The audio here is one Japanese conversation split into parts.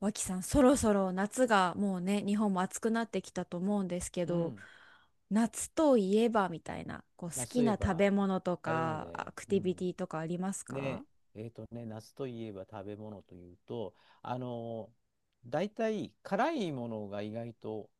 脇さん、そろそろ夏がもうね、日本も暑くなってきたと思うんですけうど、ん。夏といえばみたいな、こう好あ、そきういなえ食ば、べ物と食べ物か、で、アクうティビテん。ィとかありますか？ね、夏といえば食べ物というと、あの大体辛いものが意外と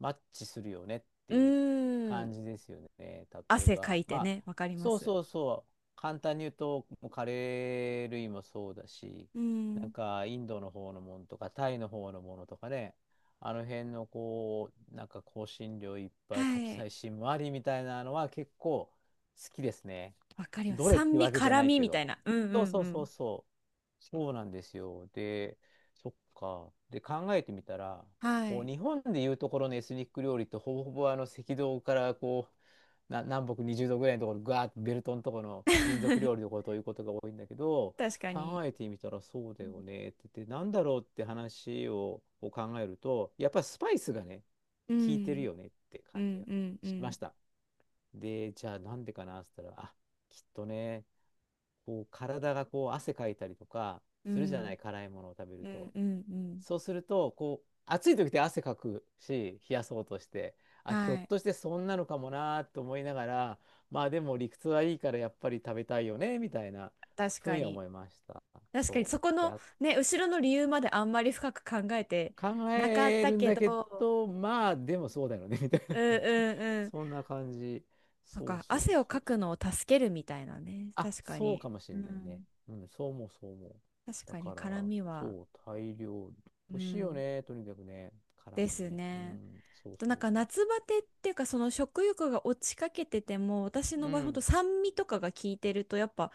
マッチするよねっうていうー感ん、じですよね。例え汗かば、いまてあ、ね、わかりまそうす。そうそう、簡単に言うと、もうカレー類もそうだし、うなんん、かインドの方のものとか、タイの方のものとかね、あの辺のこう、なんか香辛料いっはぱい、カプい、サイシンもありみたいなのは結構好きですね。わかりまどす。れっ酸て味、わけじゃ辛ない味けみたど。いな。うんうんうそうそうそうん。そう。そうなんですよ。で、そっか。で、考えてみたら、はこうい、日本でいうところのエスニック料理ってほぼほぼ赤道から南北20度ぐらいのところ、ガーッとベルトのところの民族料理 のことをいうことが多いんだけど、確かに。考えてみたらそううだん、よねって言って、なんだろうって話をこう考えると、やっぱスパイスがね、う効いてるん、よねってう感じがん、うしまん、した。で、じゃあなんでかなって言ったら、あ、きっとね、こう体がこう汗かいたりとかうするじゃなん、い、辛いものを食べるうんと。うんうん。そうするとこう暑い時って汗かくし、冷やそうとして、あ、ひょっはい、としてそんなのかもなと思いながら、まあでも理屈はいいからやっぱり食べたいよねみたいな確ふうかにに。思いました。確かにそそこうで、のあ、ね、後ろの理由まであんまり深く考えて考なかっえたるんけだけど、ど、まあでもそうだよねみたいなうんね。 うん うん。そんな感じ。そっそうか、そう汗をそうそかう。くのを助けるみたいなね。あ、確かそうに。かもしうれないね。ん。うん、そう思う。確だかに、から、絡みは。そう、タイ料理。う美味しいよん。ね、とにかくね。辛いでよすね。うね。ん、そうあとそなんうかそう夏バテっていうか、その食欲が落ちかけてても、私そう。うの場合ほんとん、酸味とかが効いてるとやっぱ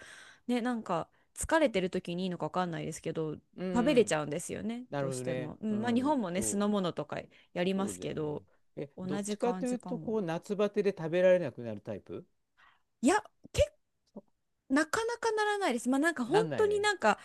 ね、なんか疲れてる時にいいのかわかんないですけど、う食べれちん。ゃうんですよね、などるうほしどてね。も。ううんまあ、日ん、本もね、酢そのう、物とかやりまそうすだけよね。ど、え、同どっちじか感といじうかと、も。こう、夏バテで食べられなくなるタイプ。いや、結そ、なかなかならないです。まあ、なんかな本んな当いにね。なんか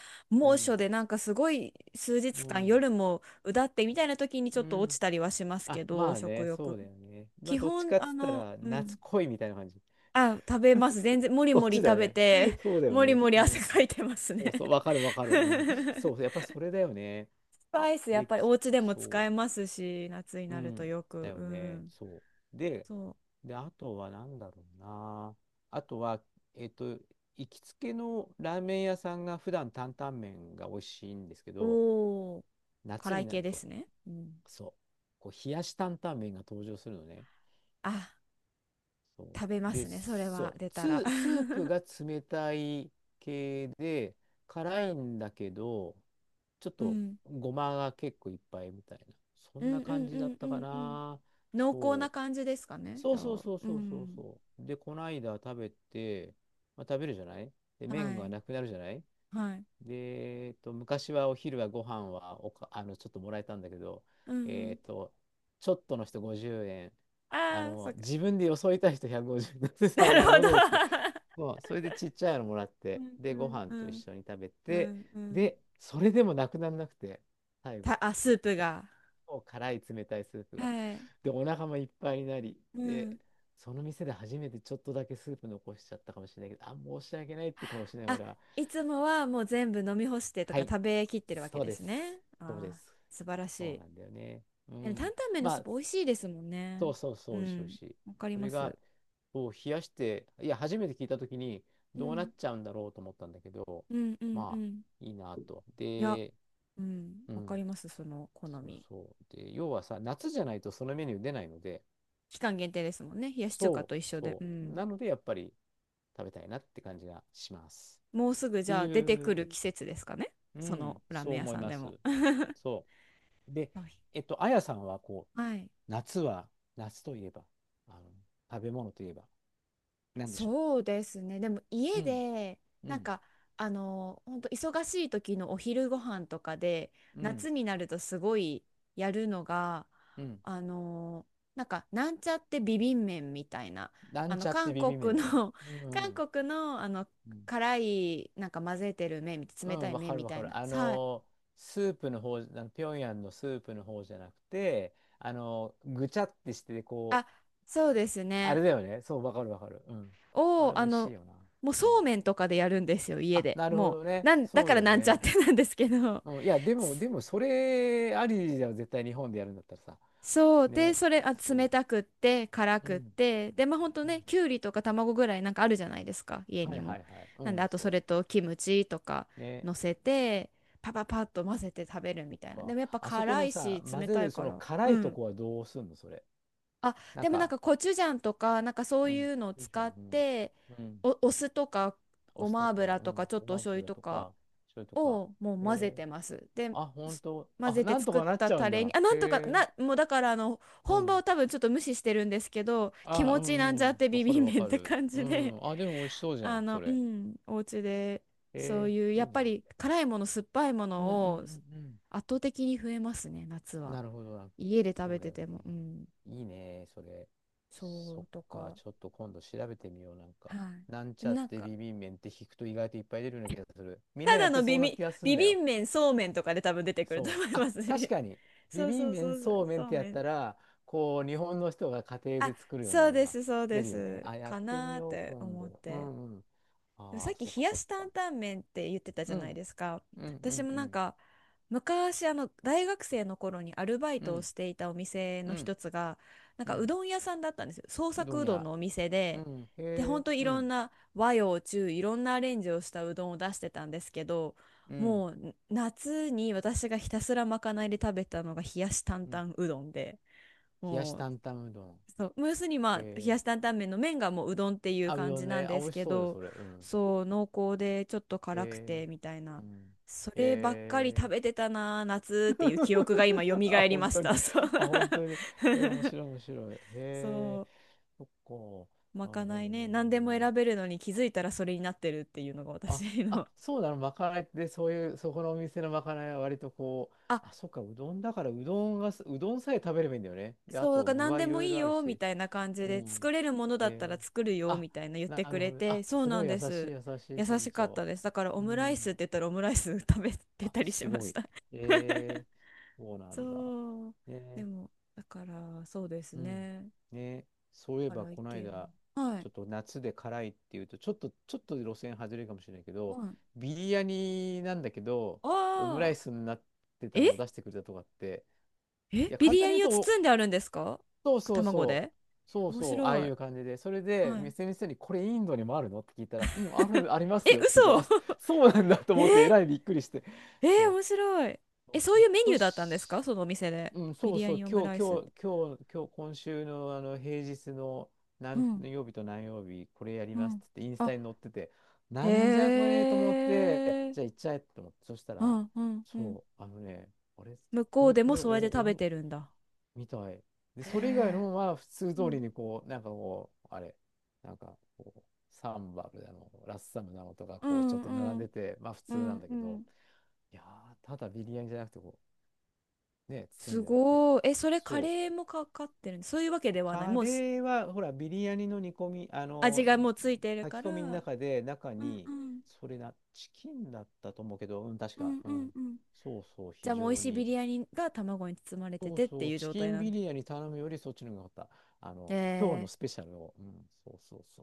う猛ん、暑で、なんかすごい数う日間ん、夜もうだってみたいな時に、ちょうっと落ん。ちたりはしますけあ、ど、まあ食ね、そう欲。だよね。まあ、基どっち本かっつったら、うん、夏恋みたいな感じ。あ、食べます。全然、もりどもっりちだ食よべね。て、そう だよもりね。もりう汗ん。かいてますね。そうそう、わかるわかる。うん。そう、やっぱそれだよね。スパイス、やっで、ぱりおき、家でも使えそますし、夏にう、うなるとん。よだく。うよね。ん。そう。で、そで、あとは何だろうな。あとは、えっと、行きつけのラーメン屋さんが普段担々麺が美味しいんですけう。ど、おー、夏辛にいな系るでと、すね。うん。そう、こう冷やし担々麺が登場するのね。あ、そ食べう。まで、すね。それそはう、出たら。スープ が冷たい系で、辛いんだけど、ちょっうとん。ごまが結構いっぱいみたいな。そうんなんう感んじうだっんうたかんうん。な。濃厚そなう。感じですかね。そじうゃそうあ。そううそうそうん。そう。で、この間食べて、まあ、食べるじゃない。で、麺はがい。なくなるじゃない。はい。で、昔はお昼はご飯はおか、ちょっともらえたんだけど、うんうえん。っと、ちょっとの人50円。あああ、その、っか。自分でよそいた人150円。だって なさ、るなほるほど。どっすね。そう、それでちっちゃいのもらっ うて、んで、うごん飯うと一ん緒に食べうて、んうん。で、それでもなくならなくて、最後、あ、スープが。もう辛い冷たいスープが。はい。で、お腹もいっぱいになり、うで、ん。その店で初めてちょっとだけスープ残しちゃったかもしれないけど、あ、申し訳ないって顔しながあ、ら、いつもはもう全部飲み干してとはかい、食べきってるわけそうでですす、ね。そうであー、す、素晴らしそうい。なんだよね。うでも担ん。々麺のまスーあ、プ美味しいですもんね。そうそうそうう、美味しい美味ん。しい。わかりそまれが、す。を冷やして、いや、初めて聞いたときに、うどうなん。っちゃうんだろうと思ったんだけど、うんうんうまん。あ、いいなと。いや、で、うん。うわかん、ります、その好そうみ。そう。で、要はさ、夏じゃないとそのメニュー出ないので、期間限定ですもんね。冷やし中華そと一う緒で。そうう。ん。なので、やっぱり食べたいなって感じがします。もうすぐっじてゃあ出ていくう、る季節ですかね。うそのん、ラーそうメン屋思いさんまでも。す。そう。で、はい。あやさんは、こはい、う、夏は、夏といえば、あの、食べ物といえば、なんでしょそうですね。でもう。家うん。でうなんん、か本当忙しい時のお昼ご飯とかで、うん、夏になるとすごいやるのが、うん。あのなんかなんちゃってビビン麺みたいな、なんちゃって韓ビビ国麺ね。の うん、う韓ん。国の辛いなんか混ぜてる麺、う冷たん、いわか麺るみわたかいな。る。はい。スープの方、平壌のスープの方じゃなくて、ぐちゃってして、こあ、う、そうですあね。れだよね。そう、わかるわかる。うん。あをれ美味しいよな。もううそん。うめんとかでやるんですよ、家あ、で。なるほもどうね。なんだそうかだらよなんちゃっね。てなんですけど。うん、いや、でも、でも、それありじゃん、絶対日本でやるんだったらさ。そう。で、ね。それ、あ、冷そたくって、辛う。うん。くって、で、まあ、ほんとうね、ん、きゅうりとか卵ぐらいなんかあるじゃないですか、家はいにはも。いはい。うなん、んで、あとそそうそれとキムチとかう。ね。乗せて、パパパッと混ぜて食べるそみったいな。でか。もやっぱあそこ辛のいさ、し、混冷ぜたいるそかのら。辛ういとん。こはどうすんの、それ。あ、なんでもなんか、かコチュジャンとか、なんかそううん。いうのをよいし使ょ、っうん。て、うん。お酢とか、おご酢まとか、油うとん。か、ちょっごとおま醤油油ととか、か、醤油とか。をもう混ぜへえ。てます。で、あ、ほんすと。混あ、ぜなてんと作っかなったちゃうタんレに、だ。あ、なんとかへえ。な、もうだからう本場ん。を多分ちょっと無視してるんですけど、気あ、持うちなんんうちゃっん。てわビかビンるわ麺っかてる。感うじで、ん。あ、でも美味しそうじゃん、そうれ。ん、お家で、そうへえ、いう、やいいっぱな。り辛いもの、酸っぱいもうんうんうんのを圧うん。倒的に増えますね、夏は。なるほどな。家で食そべうだてよね。ても、うん、いいね、それ。そそっうとか、か、ちょっと今度調べてみよう、なんはか。い。なんでちもゃっなんてか、ビビン麺って引くと意外といっぱい出るような気がする。みんなたやだっのてそビうなビ、気がするんビだビよ。ン麺、そうめんとかで多分出てくるとそ思う。いあ、ます確ね。かに。ビそうビそンうそ麺、うそそうう、めそんっうてやっめん。たら、こう、日本の人が家庭あ、で作るようそなうのでがす、そう出でるよね。す。あ、やっかてみなーっよう、て今思っ度。うて。んうん。でもさあっあ、きそっ冷かやそっし担か。々麺って言ってたじうゃないん、ですか。うん、う私ん、もうなんん、か昔大学生の頃にアルバイうトをん、していたお店うのん、一つが、なんうかうん。どん屋さんだったんですよ。創うど作んうどん屋。のお店うで。ん、で、へえ、本当いうろんん、な和洋中、いろんなアレンジをしたうどんを出してたんですけど、うん。もう夏に私がひたすらまかないで食べたのが冷やし担うん、々うどんで冷やしも、担々うどん。そうムースに、まあ冷えやー、し担々麺の麺がもううどんっていうあ、う感どじんなね。んあ、で美す味しけそうよ、ど、それ。うん。そう濃厚でちょっと辛くえてみたいな、ー、うん。そればっかり食えべてたなー、夏っていう記憶が今蘇 あ、り本まし当に。た、そう。 あ、本当に。えー、面 白い、面白い。へそえ、う、そっまか。なかるほどないね、何でもね。選べるのに気づいたらそれになってるっていうのがあ、私あ、の。 そうなの。まかないって、そういう、そこのお店のまかないは割とこう、あ、あ、そっか、うどんだから、うどんがす、うどんさえ食べればいいんだよね。で、あそう、だと、から具何はでいもろいいいろあるよみし。たいな感じうで、作ん。れるものだったらえー、作るよあ、みたいな言っなてくるほれど。て、あ、そうすなごんい優でしいす。優しい優店しかった長。です。だからオうムライスん。って言ったらオムライス 食べてあ、たりしすまごしい。た。 えー、そう なんだ。そう。でね、もだからそうですうん。ね、ね、そういえば辛いこの系間、の、はい。ちょっと夏で辛いっていうと、ちょっと、ちょっと路線外れるかもしれないけはど、い。ビリヤニなんだけど、オムラああ、イスになってたのえを出してくれたとかって、いえ、や、ビ簡リ単ヤに言うニをと、包んであるんですか、そうそう卵そう。で。そう面そう、ああ白い、いう感じで。それで、はい。 店の人に、これインドにもあるのって聞いたら、うん、ある、ありま すえ、よって言うから、あ、嘘。 そうなんだと 思え、って、えらいびっくりして。えー、そ面白い。う。え、そひうょいっうメニとューだったんですし、かそのお店で。うん、ビそうリヤそう、ニオム今ラ日、イスっ今日、て。今日、今日、今週の、平日のう何ん、曜日と何曜日、これやりうますっん。て言って、インスあ、タに載ってて、なんじゃこへれと思って、え。じゃあ行っちゃえと思って、そしたうら、ん、うん、うん。そう、あのね、あれ、向ここうれ、でこもれ、お、それで食べお、てるんだ。みたい。で、へそれ以外え。のは普通う通りん、にこう、なんかこう、あれ、なんかこう、サンバルだの、ラッサムなのとか、うこう、ちょっん、とう並んん、でて、まあ普う通なん、んだうけど、ん。いやー、ただビリヤニじゃなくて、こう、ね、包すんであって。ごい。え、それカそう。レーもかかってるんそういうわけではない。カもうしレーは、ほら、ビリヤニの煮込み、味がもうついてる炊かきら。込みの中うで、中んうに、ん。それな、チキンだったと思うけど、うん、確うか、んううんん。うん。そうそう、じ非ゃあもう美常味しいビに、リヤニが卵に包まれてそうてってそう、いうチ状キ態ンなんビで。リヤに頼むよりそっちの方が良かった。あの、今日のえスー、ペシャルを。うん、そうそうそ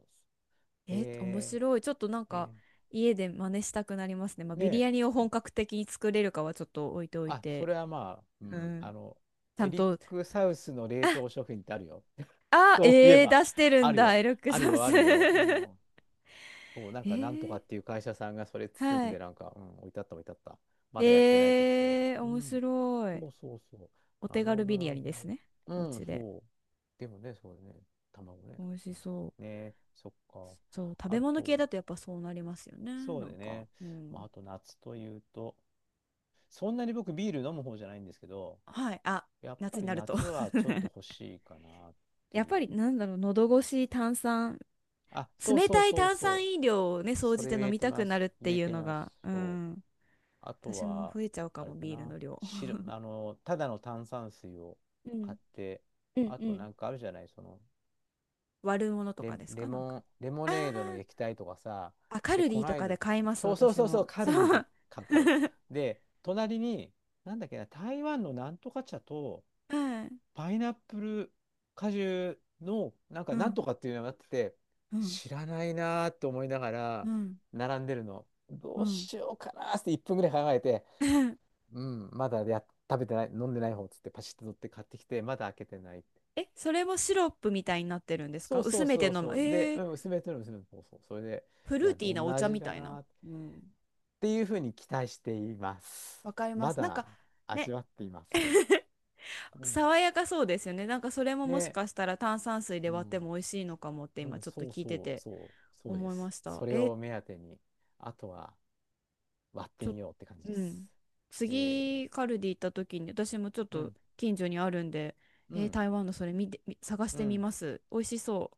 うそう。え、面へえ、白い。ちょっとなんかね。家で真似したくなりますね。まあ、ビリで、ヤニを本格的に作れるかはちょっと置いておいあ、そて、れはまあ、ううん、ん、ちゃエんリッと、ク・サウスの冷あ、凍食品ってあるよ。あ、そういええー、ば、出してるあんるだ、よ、エルックあるサよ、ス。あ るえよ。そう、なんかなんとー、かっていう会社さんがそれ包んはい。で、なんか、うん、置いてあった。まだやってないけど、それは。えー、う面ん。白そい。うそうそおう。な手る軽ほど、ビリなヤるニでほすね。ど。おうん、家で。そう。でもね、そうね、卵ね。美味うしそん、う。ね、そっか。そう、食べあ物系と、だとやっぱそうなりますよね。そなうんでか、ね、うまん。あ、あと夏というと、そんなに僕ビール飲む方じゃないんですけど、はい。あ、やっぱ夏にりなると 夏はちょっと欲しいかなっ てやっいぱう。りなんだろう、喉越し、炭酸、あ、そう冷そうたいそう炭そう。酸飲料をね、総そじれてを言飲えみてたまくなす。るって言えいうてのまが、す。うそう。ん、あと私もは、増えちゃうかあも、れかビールな。の量。白、ただの炭酸水をう買ん。って、うんあうとん。なんかあるじゃない、その、割るものとレ、かですレか、なんか。モン、レモあーネードの液体とかさ、あ、カで、ルデこィとないかだ、で買います、そうそう私そうそも。う、カそルディでう。買う。買う。 で、隣に、なんだっけな、台湾のなんとか茶と、はい。パイナップル果汁の、なんか、うなんん、とかっていうのがあってて、うん、知らないなーって思いながうら、ん、並んでるの。どううん。しようかなーって1分ぐらい考えて、うん、まだや、食べてない、飲んでない方っつって、パシッと取って買ってきて、まだ開けてないって。え、それもシロップみたいになってるんですそか、うそ薄うめてそう飲そむ。う。で、えー、うん、娘との娘の、そうそう。それで、フいルーや、ティーどなんおな茶味みかたいな。なーっうん。ていうふうに期待しています。わかりまます。なんだか、味ね。わっていません。うん。爽やかそうですよね。なんかそれももしで、かしたら炭酸水でう割ってん。も美味しいのかもってう今ん、ちょっとそう聞いてそうてそう、そうで思います。した。それえ、を目当てに、あとは割ってちょ、みようって感じうです。ん。え次カルディ行った時に、私もちょっー、うとん、近所にあるんで、うえ、ん、台湾のそれ見て、探しうてみん。ます。美味しそう。